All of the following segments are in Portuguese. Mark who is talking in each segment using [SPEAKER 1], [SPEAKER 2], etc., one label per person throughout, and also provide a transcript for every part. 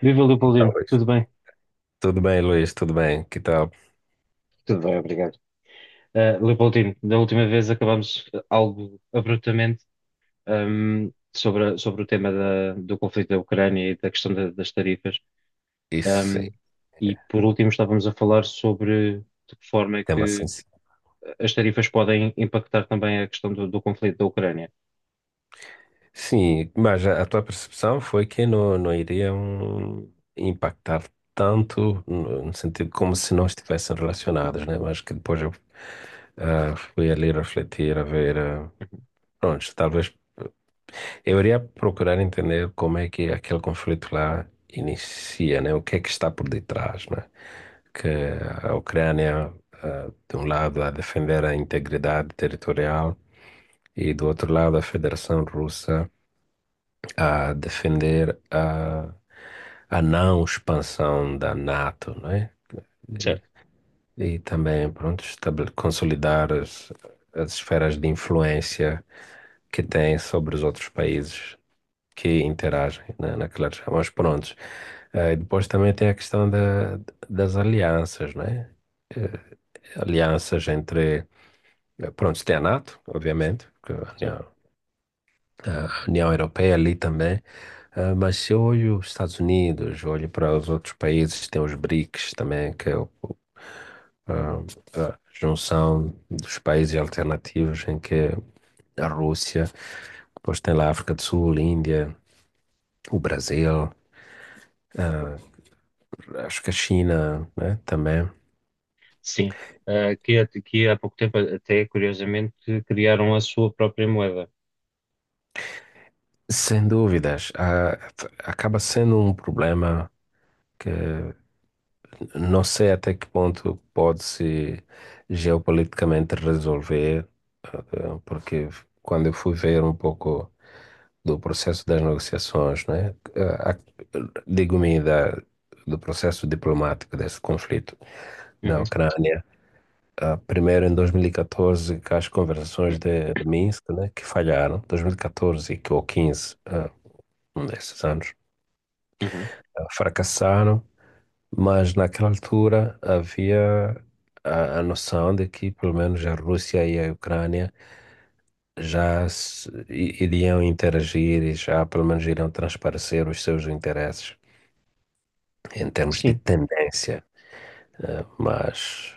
[SPEAKER 1] Viva
[SPEAKER 2] Tá,
[SPEAKER 1] Leopoldino,
[SPEAKER 2] Luiz.
[SPEAKER 1] tudo bem?
[SPEAKER 2] Tudo bem, Luiz, tudo bem. Que tal?
[SPEAKER 1] Tudo bem, obrigado. Leopoldino, da última vez acabámos algo abruptamente sobre, sobre o tema do conflito da Ucrânia e da questão das tarifas.
[SPEAKER 2] Isso é
[SPEAKER 1] Um, e por último estávamos a falar sobre de que forma é
[SPEAKER 2] tema
[SPEAKER 1] que
[SPEAKER 2] sensível.
[SPEAKER 1] as tarifas podem impactar também a questão do, do conflito da Ucrânia.
[SPEAKER 2] Sim, mas a tua percepção foi que não iriam impactar tanto, no sentido como se não estivessem relacionados, né? Mas que depois eu fui ali refletir, a ver. Pronto, talvez eu iria procurar entender como é que aquele conflito lá inicia, né? O que é que está por detrás, né? Que a Ucrânia, de um lado, a defender a integridade territorial e do outro lado a Federação Russa a defender a não expansão da NATO, né? E,
[SPEAKER 1] Certo,
[SPEAKER 2] e também, pronto, consolidar as esferas de influência que têm sobre os outros países que interagem né, naquela região. Mas prontos. Depois também tem a questão das alianças, né? Eh, Alianças entre. Pronto, tem a NATO, obviamente, que
[SPEAKER 1] certo.
[SPEAKER 2] a União Europeia ali também. Mas se eu olho os Estados Unidos, olho para os outros países, tem os BRICS também, que é o, a a junção dos países alternativos em que a Rússia, depois tem lá a África do Sul, Índia, o Brasil, ah, acho que a China, né, também.
[SPEAKER 1] Sim. Que, que há pouco tempo até, curiosamente, criaram a sua própria moeda.
[SPEAKER 2] Sem dúvidas, acaba sendo um problema que não sei até que ponto pode-se geopoliticamente resolver, porque quando eu fui ver um pouco do processo das negociações, né, eh, a- digo-me do processo diplomático desse conflito da
[SPEAKER 1] Uhum,
[SPEAKER 2] Ucrânia, primeiro em 2014, com as conversações de Minsk, né, que falharam, 2014 e 14 ou 15, um desses anos,
[SPEAKER 1] uhum.
[SPEAKER 2] fracassaram. Mas naquela altura havia a noção de que pelo menos a Rússia e a Ucrânia já iriam interagir e já pelo menos iriam transparecer os seus interesses em termos de
[SPEAKER 1] Sim.
[SPEAKER 2] tendência. Mas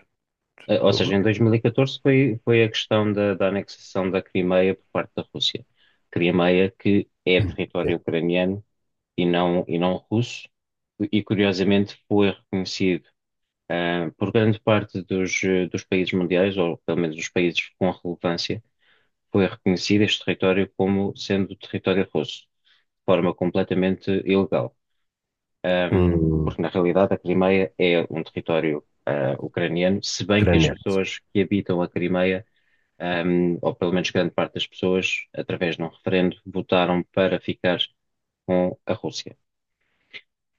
[SPEAKER 1] Ou
[SPEAKER 2] o-
[SPEAKER 1] seja, em 2014 foi, foi a questão da, da anexação da Crimeia por parte da Rússia. Crimeia que é território ucraniano e não russo, e curiosamente foi reconhecido ah, por grande parte dos, dos países mundiais, ou pelo menos dos países com relevância, foi reconhecido este território como sendo território russo, de forma completamente ilegal.
[SPEAKER 2] um
[SPEAKER 1] Porque na realidade a Crimeia é um território ah, ucraniano, se bem que as
[SPEAKER 2] ucraniano,
[SPEAKER 1] pessoas que habitam a Crimeia ou pelo menos grande parte das pessoas, através de um referendo, votaram para ficar com a Rússia.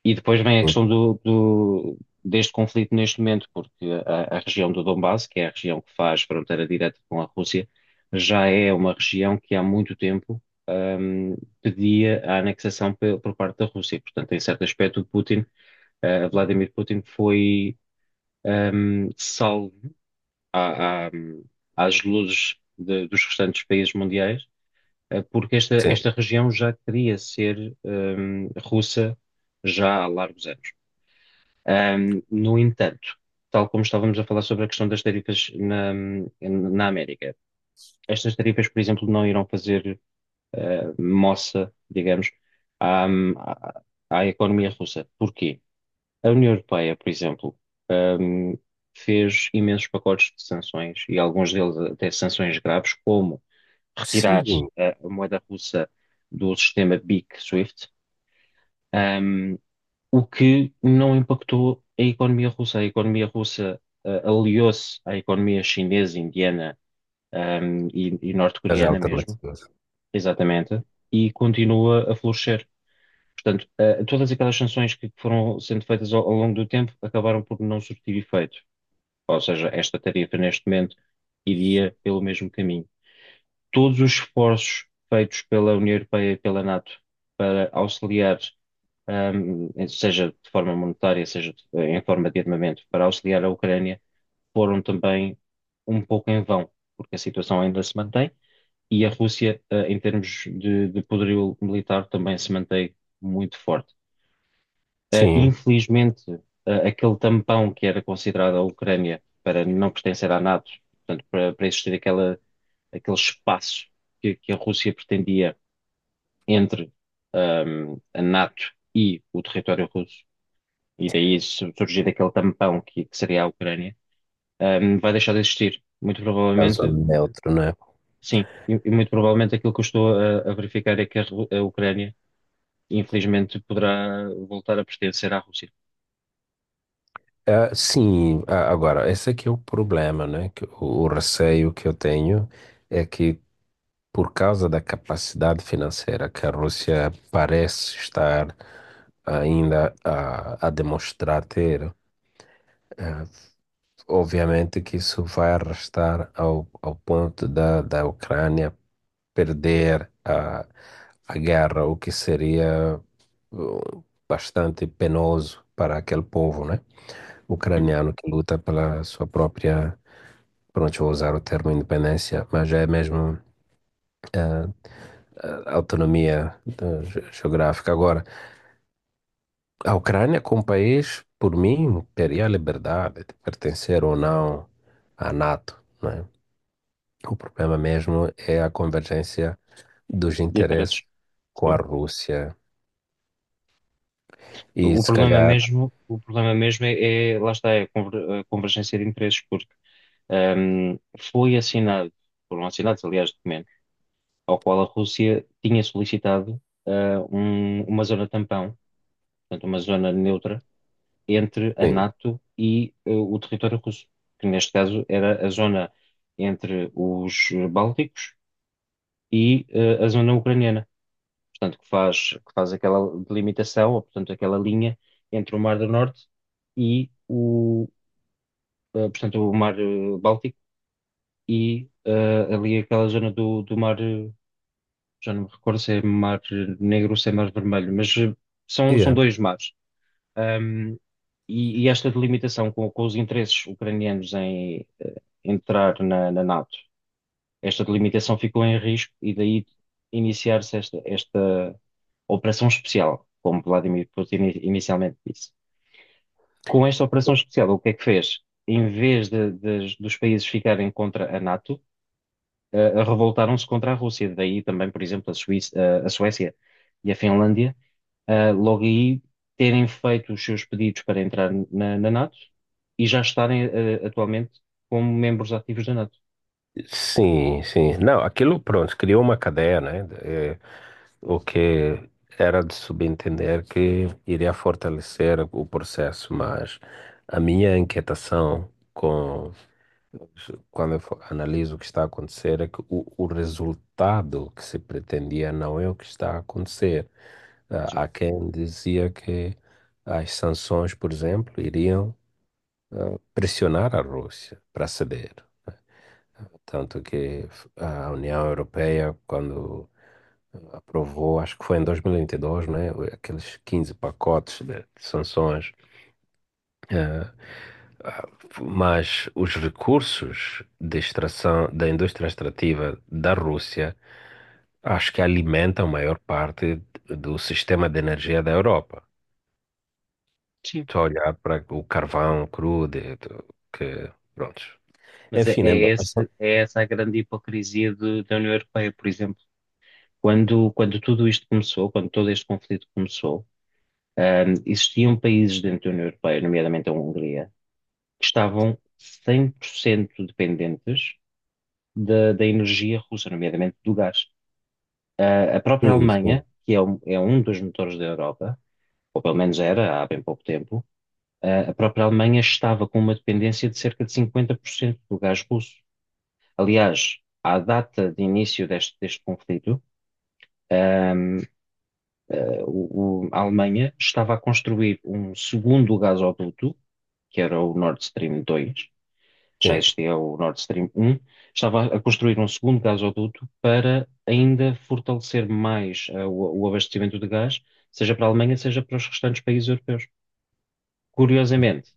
[SPEAKER 1] E depois vem a questão do, deste conflito neste momento, porque a região do Donbass, que é a região que faz fronteira direta com a Rússia, já é uma região que há muito tempo, pedia a anexação por parte da Rússia. Portanto, em certo aspecto, o Putin, Vladimir Putin foi, salvo à- à- às luzes dos restantes países mundiais, porque esta,
[SPEAKER 2] sim,
[SPEAKER 1] esta região já queria ser russa já há largos anos. No entanto, tal como estávamos a falar sobre a questão das tarifas na, na América, estas tarifas, por exemplo, não irão fazer moça, digamos, à, à- à economia russa. Porquê? A União Europeia, por exemplo, hum, fez imensos pacotes de sanções e alguns deles até sanções graves, como retirar
[SPEAKER 2] sim,
[SPEAKER 1] a moeda russa do sistema BIC Swift, ahm, o que não impactou a economia russa. A economia russa, ah, aliou-se à economia chinesa, indiana, e
[SPEAKER 2] as
[SPEAKER 1] norte-coreana mesmo,
[SPEAKER 2] alternativas,
[SPEAKER 1] exatamente, e continua a florescer. Portanto, ah, todas aquelas sanções que foram sendo feitas ao, ao longo do tempo acabaram por não surtir efeito. Ou seja, esta tarifa neste momento iria pelo mesmo caminho. Todos os esforços feitos pela União Europeia e pela NATO para auxiliar, seja de forma monetária, seja em forma de armamento, para auxiliar a Ucrânia, foram também um pouco em vão, porque a situação ainda se mantém e a Rússia, ah, em termos de poderio militar, também se mantém muito forte. Ah,
[SPEAKER 2] sim,
[SPEAKER 1] infelizmente, ah, aquele tampão que era considerado a Ucrânia para não pertencer à NATO, portanto, para, para existir aquela, aquele espaço que a Rússia pretendia entre a NATO e o território russo, e daí surgir aquele tampão que seria a Ucrânia, vai deixar de existir. Muito
[SPEAKER 2] caso
[SPEAKER 1] provavelmente,
[SPEAKER 2] neutro, né?
[SPEAKER 1] sim, e muito provavelmente aquilo que eu estou a verificar é que a, a Ucrânia, infelizmente, poderá voltar a pertencer à Rússia.
[SPEAKER 2] Sim, agora, esse aqui é o problema, né? Que o receio que eu tenho é que por causa da capacidade financeira que a Rússia parece estar ainda a demonstrar ter, eh, obviamente que isso vai arrastar ao ponto da Ucrânia perder a guerra, o que seria bastante penoso para aquele povo, né?
[SPEAKER 1] Uhum.
[SPEAKER 2] Ucraniano que luta pela sua própria, pronto, vou usar o termo independência, mas é mesmo eh, a autonomia geográfica. Agora, a Ucrânia como país, por mim, teria a liberdade de pertencer ou não à NATO, não é? O problema mesmo é a convergência dos
[SPEAKER 1] De interesses.
[SPEAKER 2] interesses com a
[SPEAKER 1] Sim.
[SPEAKER 2] Rússia. E se calhar,
[SPEAKER 1] O problema mesmo é, lá está, é a a convergência de interesses, porque foi assinado, foram assinados, aliás, documentos ao qual a Rússia tinha solicitado ah, uma zona tampão, portanto, uma zona neutra entre a
[SPEAKER 2] sim,
[SPEAKER 1] NATO e o território russo, que neste caso era a zona entre os Bálticos e a zona ucraniana, portanto, que faz aquela delimitação, ou portanto, aquela linha entre o Mar do Norte e o, portanto, o Mar Báltico e ali aquela zona do, do Mar. Já não me recordo se é mar negro ou se é mar vermelho, mas são, são
[SPEAKER 2] yeah,
[SPEAKER 1] dois mares. Ahm, e, e esta delimitação com os interesses ucranianos em entrar na, na NATO, esta delimitação ficou em risco e daí iniciar-se esta, esta operação especial, como Vladimir Putin inicialmente disse. Com esta operação especial, o que é que fez? Em vez dos países ficarem contra a NATO, revoltaram-se contra a Rússia. Daí também, por exemplo, a Suíça, a Suécia e a Finlândia, logo aí terem feito os seus pedidos para entrar na, na NATO e já estarem, atualmente como membros ativos da NATO.
[SPEAKER 2] sim, sim. Não, aquilo pronto, criou uma cadeia, né? É, o que era de subentender que iria fortalecer o processo, mas a minha inquietação com quando eu analiso o que está a acontecer, é que o resultado que se pretendia não é o que está a acontecer.
[SPEAKER 1] Sim.
[SPEAKER 2] Há quem dizia que as sanções, por exemplo, iriam pressionar a Rússia para ceder. Tanto que a União Europeia, quando aprovou, acho que foi em 2022, né, aqueles 15 pacotes de sanções, ah, Ah, mas os recursos de extração da indústria extrativa da Rússia acho que alimentam a maior parte do sistema de energia da Europa.
[SPEAKER 1] Sim.
[SPEAKER 2] Só olhar para o carvão cru, que, pronto.
[SPEAKER 1] Mas é,
[SPEAKER 2] Enfim, né? Mas são-
[SPEAKER 1] é essa a grande hipocrisia da União Europeia, por exemplo. Quando, quando tudo isto começou, quando todo este conflito começou, existiam países dentro da União Europeia, nomeadamente a Hungria, que estavam 100% dependentes da, da energia russa, nomeadamente do gás. Ah, a própria
[SPEAKER 2] sim, sim,
[SPEAKER 1] Alemanha, que é um dos motores da Europa, ou pelo menos era há bem pouco tempo, ah, a própria Alemanha estava com uma dependência de cerca de 50% do gás russo. Aliás, à data de início deste, deste conflito, ahm, a Alemanha estava a construir um segundo gasoduto, que era o Nord Stream dois já
[SPEAKER 2] sim,
[SPEAKER 1] existia o Nord Stream 1, estava a construir um segundo gasoduto para ainda fortalecer mais o abastecimento de gás, seja para a Alemanha, seja para os restantes países europeus. Curiosamente,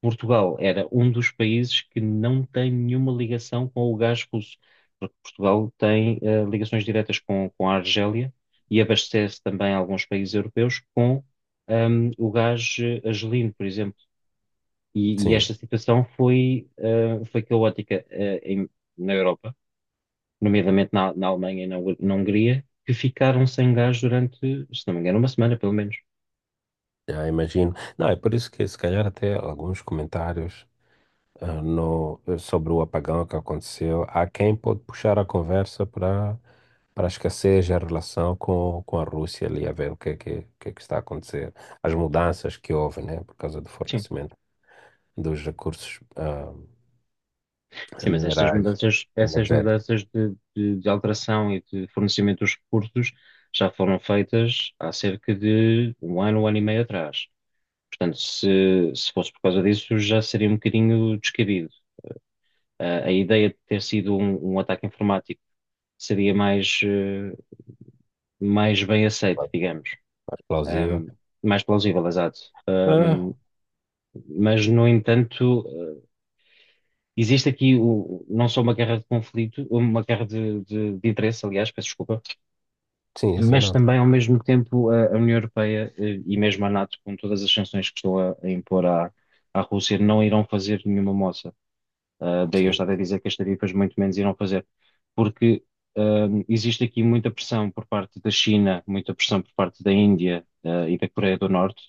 [SPEAKER 1] Portugal era um dos países que não tem nenhuma ligação com o gás russo, porque Portugal tem ligações diretas com a Argélia e abastece também alguns países europeus com o gás argelino, por exemplo. E
[SPEAKER 2] sim,
[SPEAKER 1] esta situação foi, foi caótica, na Europa, nomeadamente na, na Alemanha e na, na Hungria, que ficaram sem gás durante, se não me engano, uma semana, pelo menos.
[SPEAKER 2] já imagino. Não, é por isso que se calhar até alguns comentários. Ah, no, eh, Sobre o apagão que aconteceu, há quem pode puxar a conversa para esquecer a relação com a Rússia ali, a ver o que é que está a acontecer, as mudanças que houve, né, por causa do
[SPEAKER 1] Sim,
[SPEAKER 2] fornecimento dos recursos
[SPEAKER 1] sim, mas estas
[SPEAKER 2] minerais,
[SPEAKER 1] mudanças, essas
[SPEAKER 2] energéticos,
[SPEAKER 1] mudanças de alteração e de fornecimento dos recursos já foram feitas há cerca de um ano e meio atrás. Portanto, se fosse por causa disso, já seria um bocadinho descabido. A a ideia de ter sido um, um ataque informático seria mais, mais bem aceito, digamos.
[SPEAKER 2] explosiva.
[SPEAKER 1] Ahm, Mais plausível, exato. Ahm,
[SPEAKER 2] Ah,
[SPEAKER 1] mas, no entanto, existe aqui não só uma guerra de conflito, uma guerra de interesse, aliás, peço desculpa,
[SPEAKER 2] sim, isso é
[SPEAKER 1] mas
[SPEAKER 2] neutro.
[SPEAKER 1] também, ao mesmo tempo, a União Europeia e mesmo a NATO, com todas as sanções que estão a impor à, à Rússia, não irão fazer nenhuma moça. Ah, daí eu
[SPEAKER 2] Sim,
[SPEAKER 1] estava a dizer que as tarifas muito menos irão fazer, porque ah, existe aqui muita pressão por parte da China, muita pressão por parte da Índia, ah, e da Coreia do Norte,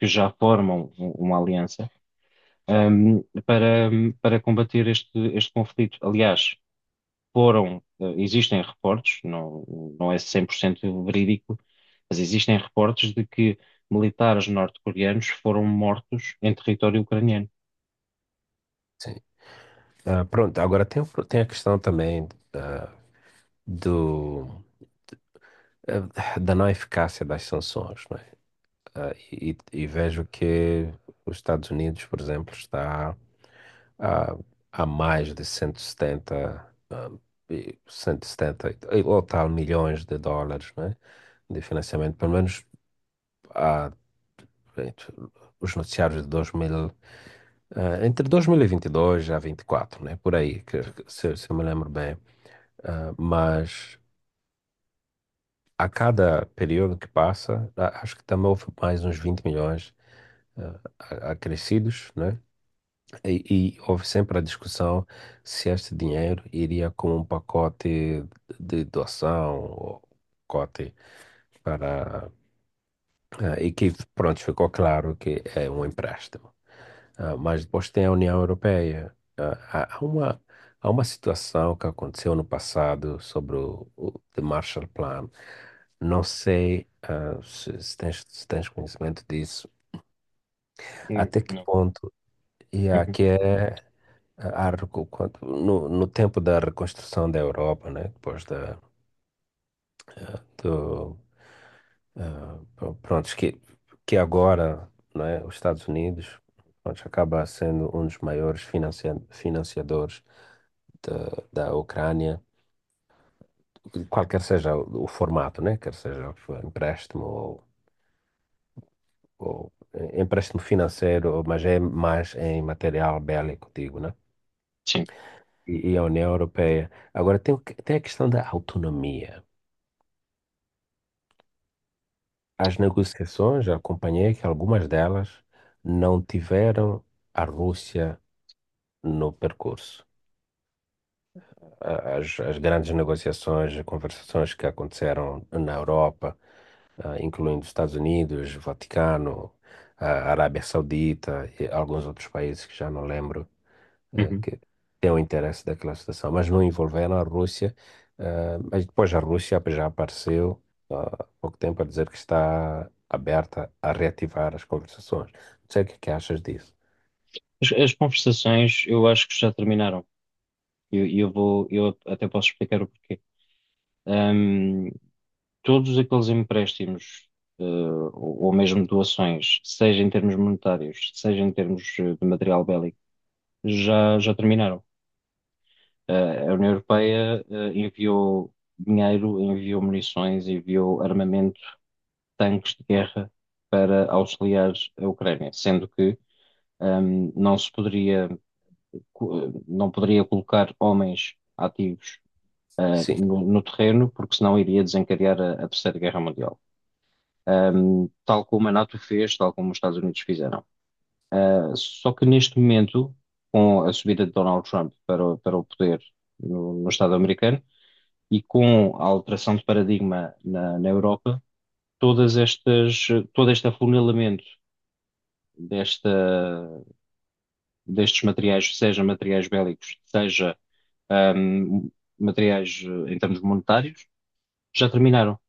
[SPEAKER 1] que já formam uma aliança, para, para combater este, este conflito. Aliás, foram, ah, existem reportes, não, não é 100% verídico, mas existem reportes de que militares norte-coreanos foram mortos em território ucraniano.
[SPEAKER 2] sim. Pronto, agora tem, tem a questão também ah, do, da não eficácia das sanções. E vejo que os Estados Unidos, por exemplo, está a, a mais de 170, e 170 ou tal milhões de dólares, né, de financiamento, pelo menos há, entre os noticiários de 2000, entre 2022 a 24, né, por aí,
[SPEAKER 1] Sim.
[SPEAKER 2] se eu me lembro bem. Mas a cada período que passa, acho que também houve mais uns 20 milhões acrescidos, né? E houve sempre a discussão se este dinheiro iria como um pacote de doação ou pacote para a equipe. Pronto, ficou claro que é um empréstimo. Mas depois tem a União Europeia. Há uma situação que aconteceu no passado sobre o The Marshall Plan. Não sei, se, se tens conhecimento disso, até que
[SPEAKER 1] Não.
[SPEAKER 2] ponto, e
[SPEAKER 1] Uhum.
[SPEAKER 2] aqui é A recu- quando- no, no tempo da reconstrução da Europa, né? Depois da, do, ah, pr- prontos, que agora, né? Os Estados Unidos, prontos, acaba sendo um dos maiores financiadores da Ucrânia, qualquer seja o formato, né? Quer seja for empréstimo empréstimo financeiro, mas é mais em material bélico, digo, né?
[SPEAKER 1] Sim.
[SPEAKER 2] E a União Europeia. Agora, tem, tem a questão da autonomia. As negociações, acompanhei que algumas delas não tiveram a Rússia no percurso. As grandes negociações, conversações que aconteceram na Europa, incluindo Estados Unidos, Vaticano, a Arábia Saudita e alguns outros países que já não lembro,
[SPEAKER 1] Uhum.
[SPEAKER 2] que tem o interesse daquela situação, mas não envolveram a Rússia. Mas depois a Rússia já apareceu há pouco tempo a dizer que está aberta a reativar as conversações. Não sei o que é que achas disso.
[SPEAKER 1] As conversações eu acho que já terminaram. E eu vou, eu até posso explicar o porquê. Ahm, Todos aqueles empréstimos, eh, ou mesmo doações, seja em termos monetários, seja em termos de material bélico, já, já terminaram. A União Europeia, enviou dinheiro, enviou munições, enviou armamento, tanques de guerra para auxiliar a Ucrânia, sendo que, não se poderia não poderia colocar homens ativos
[SPEAKER 2] Sim.
[SPEAKER 1] no, no terreno, porque senão iria desencadear a Terceira Guerra Mundial. Tal como a NATO fez, tal como os Estados Unidos fizeram. Ah, só que neste momento, com a subida de Donald Trump para, para o poder no, no Estado americano e com a alteração de paradigma na, na Europa, todas estas, todo este afunilamento desta, destes materiais, seja materiais bélicos, seja ahm, materiais em termos monetários, já terminaram.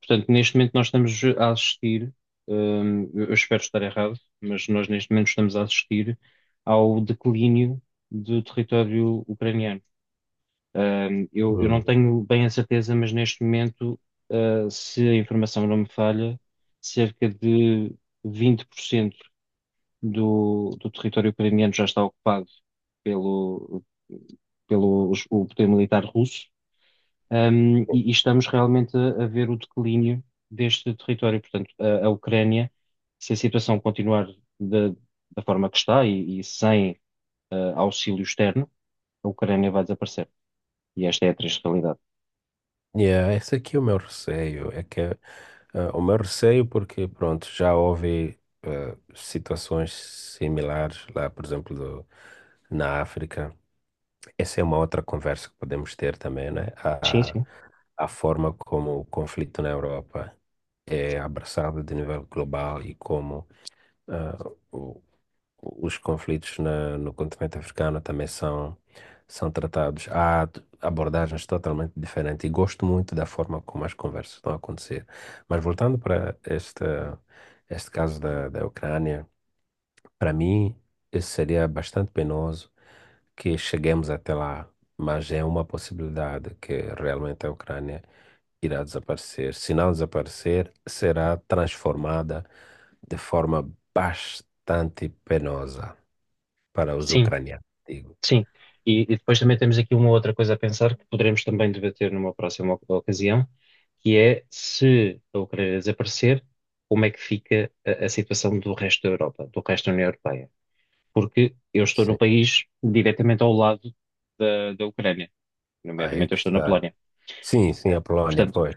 [SPEAKER 1] Portanto, neste momento nós estamos a assistir, eu espero estar errado, mas nós neste momento estamos a assistir ao declínio do território ucraniano. Eu não
[SPEAKER 2] Hum.
[SPEAKER 1] tenho bem a certeza, mas neste momento, ah, se a informação não me falha, cerca de 20% do, do território ucraniano já está ocupado pelo, pelo o poder militar russo. E, e estamos realmente a ver o declínio deste território. Portanto, a Ucrânia, se a situação continuar da, da forma que está e sem auxílio externo, a Ucrânia vai desaparecer. E esta é a triste realidade.
[SPEAKER 2] Yeah, esse aqui é o meu receio. É que o meu receio porque, pronto, já houve situações similares lá, por exemplo, na África. Essa é uma outra conversa que podemos ter também, né?
[SPEAKER 1] Sim,
[SPEAKER 2] A,
[SPEAKER 1] sim.
[SPEAKER 2] a forma como o conflito na Europa é abraçado de nível global e como ah, o- os conflitos no continente africano também são tratados. Há abordagens totalmente diferentes e gosto muito da forma como as conversas estão a acontecer. Mas voltando para este caso da Ucrânia, para mim, isso seria bastante penoso que cheguemos até lá, mas é uma possibilidade que realmente a Ucrânia irá desaparecer. Se não desaparecer, será transformada de forma bastante penosa para os
[SPEAKER 1] Sim,
[SPEAKER 2] ucranianos, digo.
[SPEAKER 1] sim. E depois também temos aqui uma outra coisa a pensar que poderemos também debater numa próxima ocasião, que é se a Ucrânia desaparecer, como é que fica a situação do resto da Europa, do resto da União Europeia? Porque eu estou no
[SPEAKER 2] Sim,
[SPEAKER 1] país diretamente ao lado da, da Ucrânia,
[SPEAKER 2] aí é
[SPEAKER 1] nomeadamente eu
[SPEAKER 2] que
[SPEAKER 1] estou na
[SPEAKER 2] está.
[SPEAKER 1] Polónia.
[SPEAKER 2] Sim, sim,
[SPEAKER 1] Eh,
[SPEAKER 2] a Polónia,
[SPEAKER 1] Portanto,
[SPEAKER 2] pois.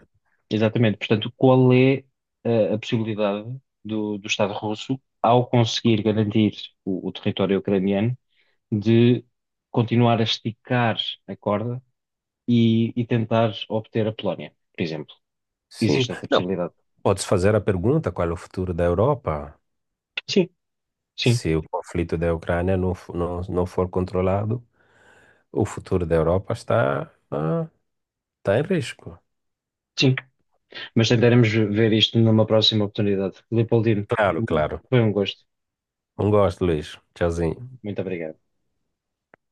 [SPEAKER 1] exatamente, portanto, qual é a possibilidade do, do Estado russo, ao conseguir garantir o território ucraniano, de continuar a esticar a corda e tentar obter a Polónia, por exemplo?
[SPEAKER 2] Sim,
[SPEAKER 1] Existe essa
[SPEAKER 2] não.
[SPEAKER 1] possibilidade?
[SPEAKER 2] Podes fazer a pergunta qual é o futuro da Europa?
[SPEAKER 1] Sim, sim,
[SPEAKER 2] Se o conflito da Ucrânia não for controlado, o futuro da Europa ah, está em risco.
[SPEAKER 1] sim. Mas tentaremos ver isto numa próxima oportunidade. Leopoldino,
[SPEAKER 2] Claro, claro.
[SPEAKER 1] foi um gosto.
[SPEAKER 2] Um gosto, Luís. Tchauzinho.
[SPEAKER 1] Muito obrigado.